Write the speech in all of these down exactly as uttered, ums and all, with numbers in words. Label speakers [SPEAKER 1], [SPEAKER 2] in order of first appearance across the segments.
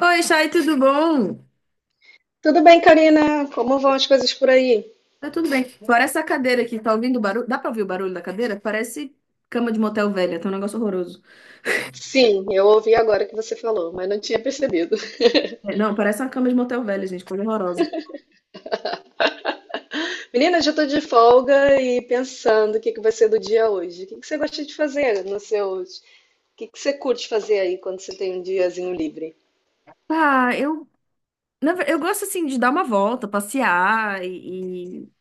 [SPEAKER 1] Oi, Chay, tudo bom?
[SPEAKER 2] Tudo bem, Karina? Como vão as coisas por aí?
[SPEAKER 1] Tá tudo bem. Fora essa cadeira aqui, tá ouvindo o barulho? Dá pra ouvir o barulho da cadeira? Parece cama de motel velha, tá um negócio horroroso.
[SPEAKER 2] Sim, eu ouvi agora que você falou, mas não tinha percebido.
[SPEAKER 1] É, não, parece uma cama de motel velha, gente, coisa horrorosa.
[SPEAKER 2] Menina, já estou de folga e pensando o que que vai ser do dia hoje. O que que você gosta de fazer nos seus... O que que você curte fazer aí quando você tem um diazinho livre?
[SPEAKER 1] Ah, eu, na ver- eu gosto assim de dar uma volta, passear e, e-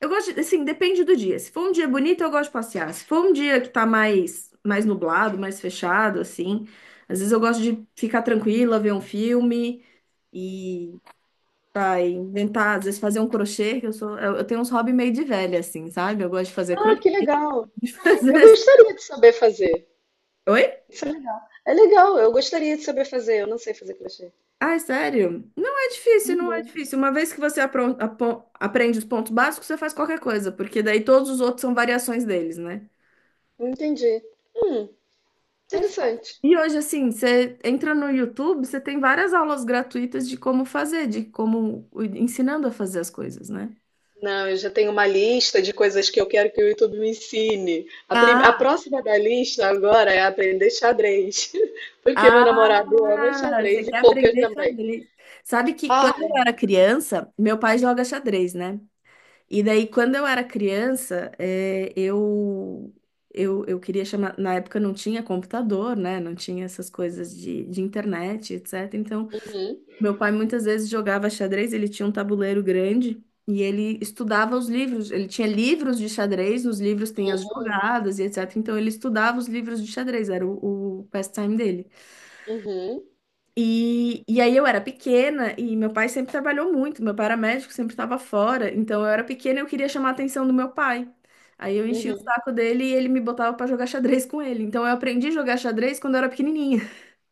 [SPEAKER 1] eu gosto de- assim, depende do dia. Se for um dia bonito, eu gosto de passear. Se for um dia que tá mais mais nublado, mais fechado assim, às vezes eu gosto de ficar tranquila, ver um filme. Tá, inventar, às vezes fazer um crochê, que eu sou. Eu, eu tenho uns hobby meio de velha, assim, sabe? Eu gosto de fazer
[SPEAKER 2] Ah,
[SPEAKER 1] crochê.
[SPEAKER 2] que legal!
[SPEAKER 1] de
[SPEAKER 2] Eu
[SPEAKER 1] fazer-
[SPEAKER 2] gostaria de saber fazer.
[SPEAKER 1] Oi?
[SPEAKER 2] Isso é legal. É legal, eu gostaria de saber fazer. Eu não sei fazer crochê.
[SPEAKER 1] Ai, sério? Não é difícil, não é
[SPEAKER 2] Uhum.
[SPEAKER 1] difícil. Uma vez que você apron- apo- aprende os pontos básicos, você faz qualquer coisa, porque daí todos os outros são variações deles, né?
[SPEAKER 2] Entendi. Hum,
[SPEAKER 1] É fácil.
[SPEAKER 2] Interessante.
[SPEAKER 1] E hoje, assim, você entra no YouTube, você tem várias aulas gratuitas de como fazer, de como ensinando a fazer as coisas, né?
[SPEAKER 2] Não, eu já tenho uma lista de coisas que eu quero que o YouTube me ensine. A, prim- a
[SPEAKER 1] Ah,
[SPEAKER 2] próxima da lista agora é aprender xadrez, porque meu
[SPEAKER 1] ah.
[SPEAKER 2] namorado ama
[SPEAKER 1] Ah, você
[SPEAKER 2] xadrez e
[SPEAKER 1] quer
[SPEAKER 2] pôquer
[SPEAKER 1] aprender
[SPEAKER 2] também.
[SPEAKER 1] xadrez. Sabe que
[SPEAKER 2] Ah,
[SPEAKER 1] quando eu era criança, meu pai joga xadrez, né? E daí, quando eu era criança, eh, eu, eu, eu queria chamar. Na época não tinha computador, né? Não tinha essas coisas de, de internet, etcétera. Então,
[SPEAKER 2] uhum,
[SPEAKER 1] meu pai muitas vezes jogava xadrez, ele tinha um tabuleiro grande. E ele estudava os livros, ele tinha livros de xadrez, nos livros tem as jogadas e etcétera. Então ele estudava os livros de xadrez, era o, o pastime dele.
[SPEAKER 2] uhum,
[SPEAKER 1] E, e aí eu era pequena e meu pai sempre trabalhou muito, meu pai era médico, sempre estava fora, então eu era pequena e eu queria chamar a atenção do meu pai. Aí eu enchia o
[SPEAKER 2] uhum.
[SPEAKER 1] saco dele e ele me botava pra jogar xadrez com ele. Então eu aprendi a jogar xadrez quando eu era pequenininha.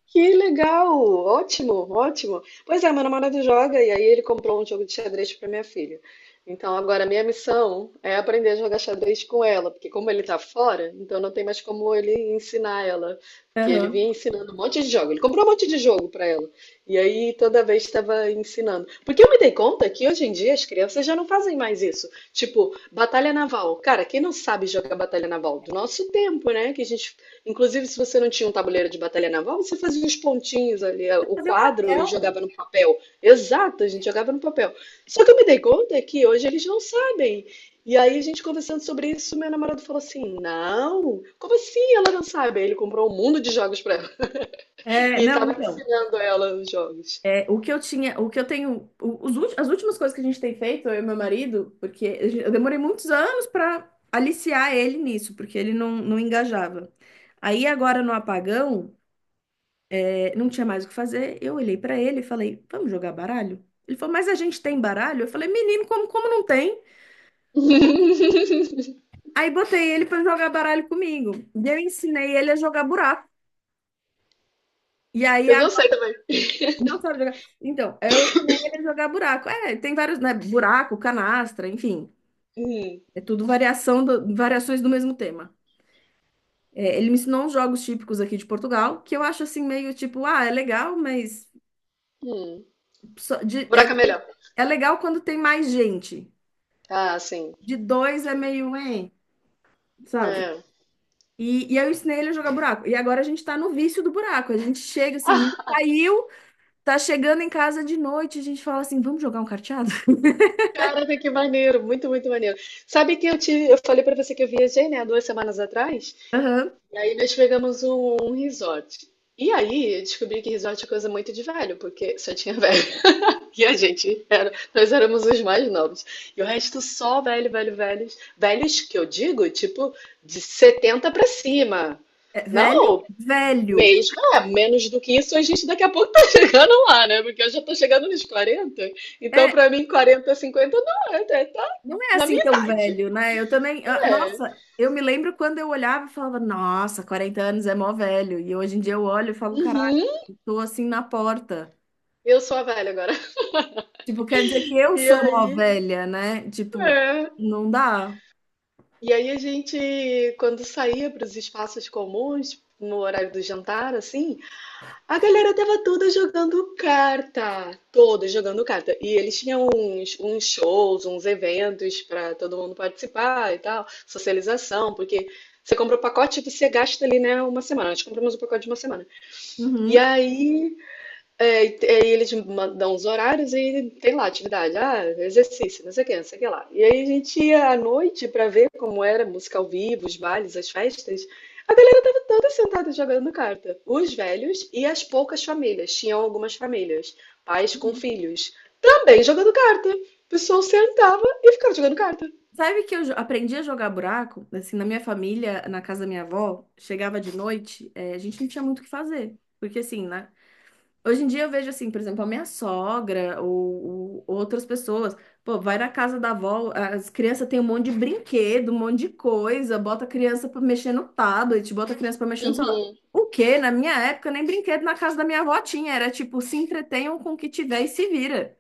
[SPEAKER 2] Que legal! Ótimo, ótimo. Pois é, meu namorado joga e aí ele comprou um jogo de xadrez para minha filha. Então agora a minha missão é aprender a jogar xadrez com ela, porque como ele tá fora, então não tem mais como ele ensinar ela, porque ele vinha
[SPEAKER 1] Aham.
[SPEAKER 2] ensinando um monte de jogo. Ele comprou um monte de jogo para ela. E aí toda vez estava ensinando. Porque eu me dei conta que hoje em dia as crianças já não fazem mais isso. Tipo, batalha naval. Cara, quem não sabe jogar batalha naval? Do nosso tempo, né? Que a gente inclusive, se você não tinha um tabuleiro de batalha naval, você fazia os pontinhos ali, eh, o quadro, e
[SPEAKER 1] Não.
[SPEAKER 2] jogava no papel. Exato, a gente jogava no papel. Só que eu me dei conta que hoje eles não sabem. E aí, a gente conversando sobre isso, meu namorado falou assim: Não, como assim ela não sabe? Aí ele comprou um mundo de jogos pra ela
[SPEAKER 1] É,
[SPEAKER 2] e
[SPEAKER 1] não,
[SPEAKER 2] tava
[SPEAKER 1] então,
[SPEAKER 2] ensinando ela os jogos.
[SPEAKER 1] é, o que eu tinha, o que eu tenho, o- os, ulti- as últimas coisas que a gente tem feito, eu e meu marido, porque a gen- eu demorei muitos anos para aliciar ele nisso, porque ele não, não engajava. Aí agora no apagão. Não tinha mais o que fazer. Eu olhei pra ele e falei: "Vamos jogar baralho?" Ele falou: "Mas a gente tem baralho?" Eu falei: "Menino, como como não tem?" Aí botei ele pra jogar baralho comigo. E eu ensinei ele a jogar buraco. E aí
[SPEAKER 2] Eu não
[SPEAKER 1] agora
[SPEAKER 2] sei também.
[SPEAKER 1] não sabe jogar. Então, eu ensinei ele a jogar buraco. É, tem vários, né, buraco, canastra, enfim.
[SPEAKER 2] Hum,
[SPEAKER 1] É tudo variação do- variações do mesmo tema. É, ele me ensinou uns jogos típicos aqui de Portugal, que eu acho assim meio tipo, ah, é legal, mas
[SPEAKER 2] hum.
[SPEAKER 1] só de- é,
[SPEAKER 2] Buraco é melhor.
[SPEAKER 1] é legal quando tem mais gente.
[SPEAKER 2] Ah, sim.
[SPEAKER 1] De dois é meio, hein? Sabe?
[SPEAKER 2] É.
[SPEAKER 1] E, e eu ensinei ele a jogar buraco. E agora a gente tá no vício do buraco. A gente chega assim, a gente
[SPEAKER 2] Ah,
[SPEAKER 1] saiu, tá chegando em casa de noite, a gente fala assim, vamos jogar um carteado?
[SPEAKER 2] caraca, que maneiro, muito, muito maneiro. Sabe que eu te, eu falei pra você que eu viajei, né, há duas semanas atrás,
[SPEAKER 1] Aham.
[SPEAKER 2] e aí nós pegamos um, um resort. E aí eu descobri que resort é coisa muito de velho, porque só tinha velho. E a gente era, nós éramos os mais novos. E o resto só velho, velho, velhos. Velhos que eu digo, tipo, de setenta pra cima.
[SPEAKER 1] É, velho?
[SPEAKER 2] Não,
[SPEAKER 1] Velho.
[SPEAKER 2] mesmo, é, menos do que isso, a gente daqui a pouco tá chegando lá, né? Porque eu já tô chegando nos quarenta. Então,
[SPEAKER 1] É,
[SPEAKER 2] pra mim, quarenta, cinquenta não, é, tá tá
[SPEAKER 1] não é
[SPEAKER 2] na
[SPEAKER 1] assim
[SPEAKER 2] minha
[SPEAKER 1] tão
[SPEAKER 2] idade.
[SPEAKER 1] velho, né? Eu também, ah,
[SPEAKER 2] É.
[SPEAKER 1] nossa, eu me lembro quando eu olhava e falava, nossa, quarenta anos é mó velho. E hoje em dia eu olho e falo, caralho,
[SPEAKER 2] Uhum.
[SPEAKER 1] tô assim na porta.
[SPEAKER 2] Eu sou a velha agora.
[SPEAKER 1] Tipo, quer dizer que eu
[SPEAKER 2] E
[SPEAKER 1] sou mó
[SPEAKER 2] aí,
[SPEAKER 1] velha, né? Tipo,
[SPEAKER 2] é.
[SPEAKER 1] não dá.
[SPEAKER 2] E aí a gente, quando saía para os espaços comuns, no horário do jantar, assim, a galera tava toda jogando carta, toda jogando carta. E eles tinham uns, uns shows, uns eventos para todo mundo participar e tal, socialização, porque você compra o pacote e você gasta ali, né, uma semana. Nós compramos o pacote de uma semana. E
[SPEAKER 1] Uhum.
[SPEAKER 2] aí é, e te- aí eles mandam os horários e tem lá atividade, ah, exercício, não sei o que, não sei o que lá. E aí a gente ia à noite para ver como era a música ao vivo, os bailes, as festas. A galera tava toda sentada jogando carta. Os velhos e as poucas famílias, tinham algumas famílias, pais com filhos, também jogando carta. O pessoal sentava e ficava jogando carta.
[SPEAKER 1] Sabe que eu jo- aprendi a jogar buraco? Assim, na minha família, na casa da minha avó, chegava de noite, eh, a gente não tinha muito o que fazer. Porque assim, né? Hoje em dia eu vejo assim, por exemplo, a minha sogra ou, ou outras pessoas. Pô, vai na casa da avó, as crianças têm um monte de brinquedo, um monte de coisa, bota a criança pra mexer no tablet, bota a criança pra mexer no celular.
[SPEAKER 2] Uhum.
[SPEAKER 1] O quê? Na minha época, nem brinquedo na casa da minha avó tinha. Era tipo, se entretenham com o que tiver e se vira.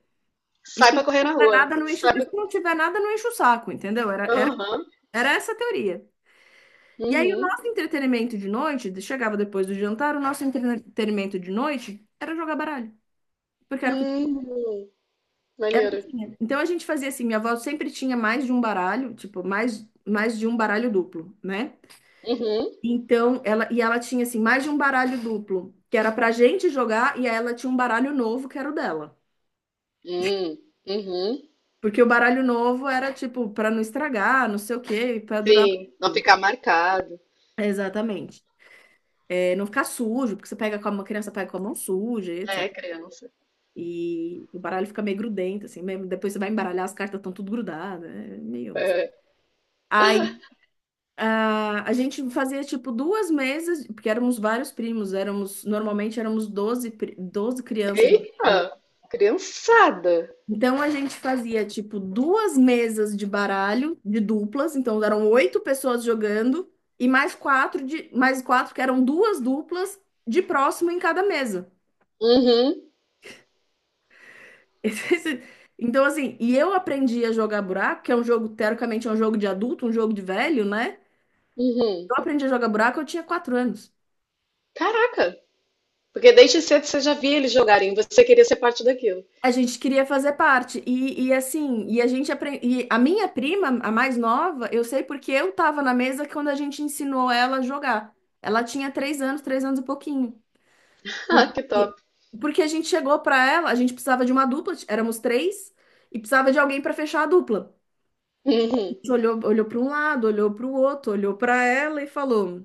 [SPEAKER 1] E
[SPEAKER 2] Sai
[SPEAKER 1] se
[SPEAKER 2] pra
[SPEAKER 1] não
[SPEAKER 2] correr na
[SPEAKER 1] tiver
[SPEAKER 2] rua.
[SPEAKER 1] nada, não enche,
[SPEAKER 2] Sai
[SPEAKER 1] e
[SPEAKER 2] pra...
[SPEAKER 1] se não tiver nada, não enche o saco, entendeu? Era,
[SPEAKER 2] Aham.
[SPEAKER 1] era essa a teoria. E aí, o
[SPEAKER 2] Uhum.
[SPEAKER 1] nosso entretenimento de noite, chegava depois do jantar, o nosso entretenimento de noite era jogar baralho, porque era o que
[SPEAKER 2] Uhum. Maneiro.
[SPEAKER 1] tinha. Então, a gente fazia assim: minha avó sempre tinha mais de um baralho, tipo, mais, mais de um baralho duplo, né?
[SPEAKER 2] Uhum.
[SPEAKER 1] Então, ela, e ela tinha assim, mais de um baralho duplo, que era pra gente jogar, e aí ela tinha um baralho novo, que era o dela.
[SPEAKER 2] Uhum. Uhum.
[SPEAKER 1] Porque o baralho novo era tipo, pra não estragar, não sei o quê, pra durar mais
[SPEAKER 2] Sim, não
[SPEAKER 1] tempo.
[SPEAKER 2] ficar marcado.
[SPEAKER 1] Exatamente. É, não ficar sujo, porque você pega com a mão, criança pega com a mão suja,
[SPEAKER 2] É,
[SPEAKER 1] etcétera.
[SPEAKER 2] criança.
[SPEAKER 1] E o baralho fica meio grudento, assim, mesmo. Depois você vai embaralhar, as cartas estão tudo grudadas, é meio.
[SPEAKER 2] É.
[SPEAKER 1] Aí a, a gente fazia tipo duas mesas, porque éramos vários primos, éramos, normalmente éramos doze pri- doze crianças na família.
[SPEAKER 2] Eita, criançada.
[SPEAKER 1] Então a gente fazia tipo duas mesas de baralho, de duplas, então eram oito pessoas jogando, e mais quatro de, mais quatro que eram duas duplas de próximo em cada mesa.
[SPEAKER 2] Uhum,
[SPEAKER 1] Esse- esse- Então, assim, e eu aprendi a jogar buraco, que é um jogo, teoricamente, é um jogo de adulto, um jogo de velho, né?
[SPEAKER 2] uhum.
[SPEAKER 1] Eu aprendi a jogar buraco, eu tinha quatro anos.
[SPEAKER 2] Caraca, porque desde cedo você já via eles jogarem, você queria ser parte daquilo.
[SPEAKER 1] A gente queria fazer parte. E, e assim, e a gente aprende. E a minha prima, a mais nova, eu sei porque eu tava na mesa quando a gente ensinou ela a jogar. Ela tinha três anos, três anos e pouquinho.
[SPEAKER 2] Ah, que top.
[SPEAKER 1] Porque porque a gente chegou pra ela, a gente precisava de uma dupla, éramos três, e precisava de alguém pra fechar a dupla.
[SPEAKER 2] Uhum.
[SPEAKER 1] Olhou, olhou para um lado, olhou para o outro, olhou para ela e falou: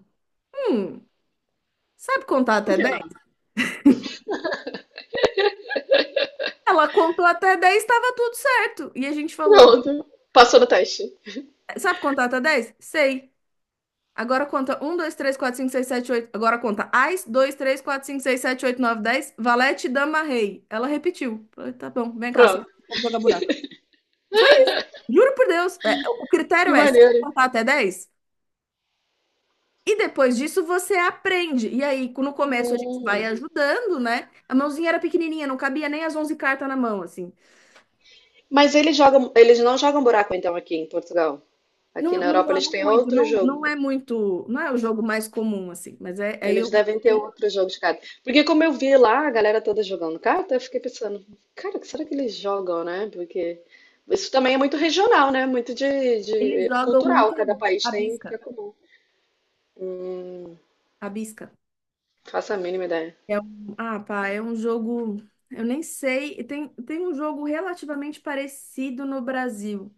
[SPEAKER 1] hum, sabe contar
[SPEAKER 2] Por
[SPEAKER 1] até
[SPEAKER 2] que não?
[SPEAKER 1] dez? Ela contou até dez, estava tudo certo. E a gente falou:
[SPEAKER 2] Pronto, passou no teste.
[SPEAKER 1] sabe contar até dez? Sei. Agora conta um, dois, três, quatro, cinco, seis, sete, oito. Agora conta Ás, dois, três, quatro, cinco, seis, sete, oito, nove, dez. Valete, dama, rei. Ela repetiu. Falei, tá bom, vem cá, assim,
[SPEAKER 2] Pronto,
[SPEAKER 1] vamos jogar buraco. Foi isso. Juro por Deus. É, o
[SPEAKER 2] que
[SPEAKER 1] critério é: sabe
[SPEAKER 2] maneiro.
[SPEAKER 1] contar até dez. E depois disso você aprende. E aí, no começo a gente vai
[SPEAKER 2] Hum.
[SPEAKER 1] ajudando, né? A mãozinha era pequenininha, não cabia nem as onze cartas na mão, assim.
[SPEAKER 2] Mas eles jogam, eles não jogam buraco então aqui em Portugal. Aqui
[SPEAKER 1] Não,
[SPEAKER 2] na
[SPEAKER 1] não
[SPEAKER 2] Europa eles
[SPEAKER 1] jogo
[SPEAKER 2] têm
[SPEAKER 1] muito,
[SPEAKER 2] outro
[SPEAKER 1] não,
[SPEAKER 2] jogo.
[SPEAKER 1] não é muito, não é o jogo mais comum, assim. Mas é, aí eu.
[SPEAKER 2] Eles devem ter
[SPEAKER 1] É,
[SPEAKER 2] outros jogos de carta. Porque como eu vi lá a galera toda jogando carta, eu fiquei pensando, cara, o que será que eles jogam, né? Porque isso também é muito regional, né? Muito de,
[SPEAKER 1] eles
[SPEAKER 2] de
[SPEAKER 1] jogam
[SPEAKER 2] cultural.
[SPEAKER 1] muito
[SPEAKER 2] Cada
[SPEAKER 1] a
[SPEAKER 2] país
[SPEAKER 1] a
[SPEAKER 2] tem o que
[SPEAKER 1] bisca.
[SPEAKER 2] é comum. Hum,
[SPEAKER 1] A bisca.
[SPEAKER 2] faço a mínima ideia.
[SPEAKER 1] É um, ah, pá, é um jogo. Eu nem sei. Tem, tem um jogo relativamente parecido no Brasil,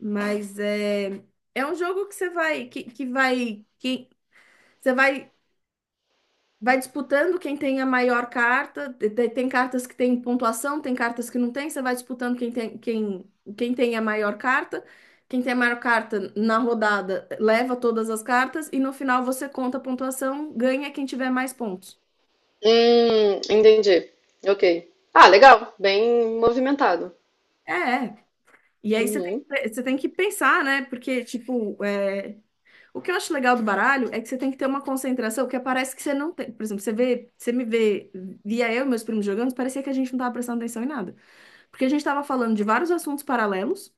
[SPEAKER 1] mas é, é um jogo que você vai, que, que vai, que você vai vai disputando quem tem a maior carta. Te- te- tem cartas que tem pontuação, tem cartas que não tem. Você vai disputando quem tem, quem, quem tem a maior carta. Quem tem a maior carta na rodada leva todas as cartas e no final você conta a pontuação, ganha quem tiver mais pontos.
[SPEAKER 2] Hum, entendi. Ok. Ah, legal. Bem movimentado.
[SPEAKER 1] É, é. E aí você tem,
[SPEAKER 2] Uhum,
[SPEAKER 1] que- você tem que pensar, né? Porque, tipo, é, o que eu acho legal do baralho é que você tem que ter uma concentração que parece que você não tem. Por exemplo, você vê, você me vê, via eu e meus primos jogando, parecia que a gente não tava prestando atenção em nada. Porque a gente estava falando de vários assuntos paralelos,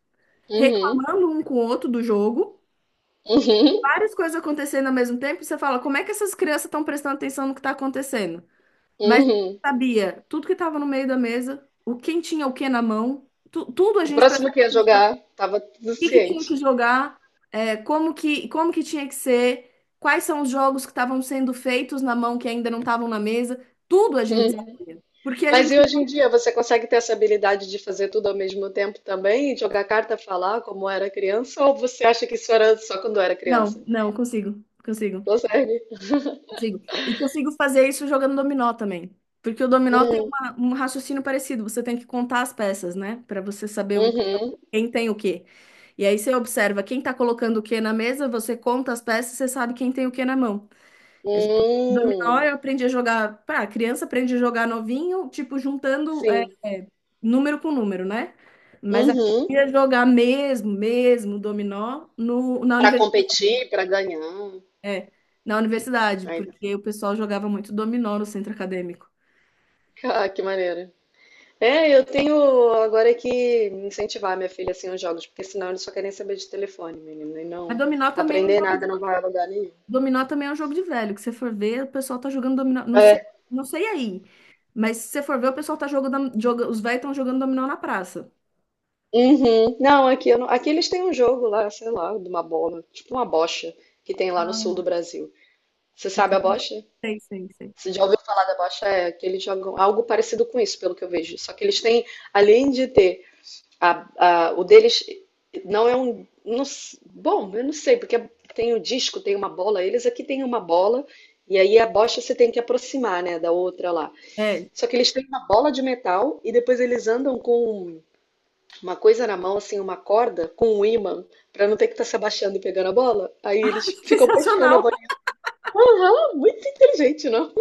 [SPEAKER 2] uhum,
[SPEAKER 1] reclamando um com o outro do jogo,
[SPEAKER 2] uhum,
[SPEAKER 1] várias coisas acontecendo ao mesmo tempo, e você fala, como é que essas crianças estão prestando atenção no que está acontecendo? Mas eu
[SPEAKER 2] uhum.
[SPEAKER 1] sabia tudo que estava no meio da mesa, o quem tinha o que na mão, tu- tudo a
[SPEAKER 2] O
[SPEAKER 1] gente
[SPEAKER 2] próximo
[SPEAKER 1] prestava
[SPEAKER 2] que ia
[SPEAKER 1] atenção, o
[SPEAKER 2] jogar tava tudo
[SPEAKER 1] que que tinha que
[SPEAKER 2] ciente.
[SPEAKER 1] jogar, é, como que, como que tinha que ser, quais são os jogos que estavam sendo feitos na mão que ainda não estavam na mesa, tudo a gente sabia. Porque a
[SPEAKER 2] Mas
[SPEAKER 1] gente.
[SPEAKER 2] e hoje em dia, você consegue ter essa habilidade de fazer tudo ao mesmo tempo também? Jogar carta, falar como era criança? Ou você acha que isso era só quando era
[SPEAKER 1] Não,
[SPEAKER 2] criança?
[SPEAKER 1] não, consigo, consigo.
[SPEAKER 2] Consegue?
[SPEAKER 1] Consigo. E consigo fazer isso jogando dominó também. Porque o dominó tem
[SPEAKER 2] Hum,
[SPEAKER 1] uma- um raciocínio parecido. Você tem que contar as peças, né? Para você saber o-
[SPEAKER 2] uhum,
[SPEAKER 1] quem tem o quê. E aí você observa quem tá colocando o quê na mesa, você conta as peças, você sabe quem tem o quê na mão. A gente, dominó
[SPEAKER 2] hum,
[SPEAKER 1] eu aprendi a jogar. Pra criança aprende a jogar novinho, tipo, juntando é,
[SPEAKER 2] sim,
[SPEAKER 1] é, número com número, né? Mas
[SPEAKER 2] uhum.
[SPEAKER 1] aprendi a jogar mesmo, mesmo dominó no, na
[SPEAKER 2] Para
[SPEAKER 1] universidade.
[SPEAKER 2] competir, para ganhar.
[SPEAKER 1] É, na universidade,
[SPEAKER 2] Aí,
[SPEAKER 1] porque o pessoal jogava muito dominó no centro acadêmico.
[SPEAKER 2] ah, que maneiro. É, eu tenho agora que incentivar minha filha assim aos jogos, porque senão eles só querem saber de telefone, menina, e
[SPEAKER 1] Mas
[SPEAKER 2] não
[SPEAKER 1] dominó também é um
[SPEAKER 2] aprender
[SPEAKER 1] jogo
[SPEAKER 2] nada
[SPEAKER 1] de,
[SPEAKER 2] não vai a lugar nenhum.
[SPEAKER 1] dominó também é um jogo de velho, que você for ver, o pessoal tá jogando dominó, não sei, não sei aí. Mas se você for ver, o pessoal tá jogando, joga, os velhos estão jogando dominó na praça.
[SPEAKER 2] Uhum. Não, aqui, eu não- aqui eles têm um jogo lá, sei lá, de uma bola, tipo uma bocha, que tem lá no sul do
[SPEAKER 1] Ah,
[SPEAKER 2] Brasil. Você sabe a bocha?
[SPEAKER 1] sei, sei, sei.
[SPEAKER 2] Você já ouviu falar da bocha? É, que eles jogam algo parecido com isso, pelo que eu vejo. Só que eles têm, além de ter a, a- o deles, não é um. Não s- bom, eu não sei, porque tem o disco, tem uma bola, eles aqui têm uma bola, e aí a bocha você tem que aproximar, né, da outra lá.
[SPEAKER 1] É.
[SPEAKER 2] Só que eles têm uma bola de metal e depois eles andam com uma coisa na mão, assim, uma corda com um ímã, pra não ter que estar se abaixando e pegando a bola. Aí
[SPEAKER 1] Ah,
[SPEAKER 2] eles
[SPEAKER 1] que
[SPEAKER 2] ficam pescando a
[SPEAKER 1] sensacional!
[SPEAKER 2] bola. Aham, muito inteligente, não?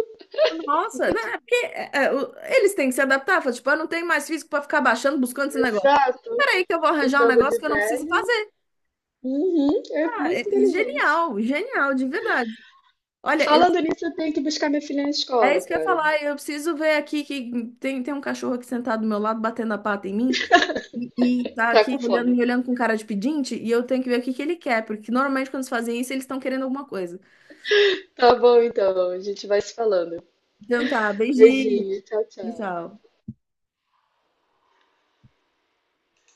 [SPEAKER 1] Nossa,
[SPEAKER 2] Nunca
[SPEAKER 1] não,
[SPEAKER 2] tinha
[SPEAKER 1] é
[SPEAKER 2] visto.
[SPEAKER 1] porque é, é, o- eles têm que se adaptar. Fala, tipo, eu não tenho mais físico pra ficar baixando, buscando esse negócio.
[SPEAKER 2] Exato.
[SPEAKER 1] Peraí, que eu vou
[SPEAKER 2] Esse
[SPEAKER 1] arranjar um
[SPEAKER 2] jogo
[SPEAKER 1] negócio que
[SPEAKER 2] de
[SPEAKER 1] eu não preciso
[SPEAKER 2] velho.
[SPEAKER 1] fazer.
[SPEAKER 2] Uhum, é
[SPEAKER 1] Ah,
[SPEAKER 2] muito
[SPEAKER 1] é
[SPEAKER 2] inteligente.
[SPEAKER 1] genial, genial, de verdade. Olha, eu
[SPEAKER 2] Falando nisso, eu tenho que buscar minha filha na
[SPEAKER 1] é
[SPEAKER 2] escola,
[SPEAKER 1] isso que eu ia
[SPEAKER 2] cara.
[SPEAKER 1] falar. Eu preciso ver aqui que tem, tem um cachorro aqui sentado do meu lado, batendo a pata em mim, e, e tá
[SPEAKER 2] Tá
[SPEAKER 1] aqui
[SPEAKER 2] com
[SPEAKER 1] olhando,
[SPEAKER 2] fome.
[SPEAKER 1] me olhando com cara de pedinte, e eu tenho que ver o que que ele quer, porque normalmente quando eles fazem isso, eles estão querendo alguma coisa.
[SPEAKER 2] Tá bom, então. A gente vai se falando.
[SPEAKER 1] Então tá, beijinho,
[SPEAKER 2] Beijinho. Tchau, tchau.
[SPEAKER 1] tchau.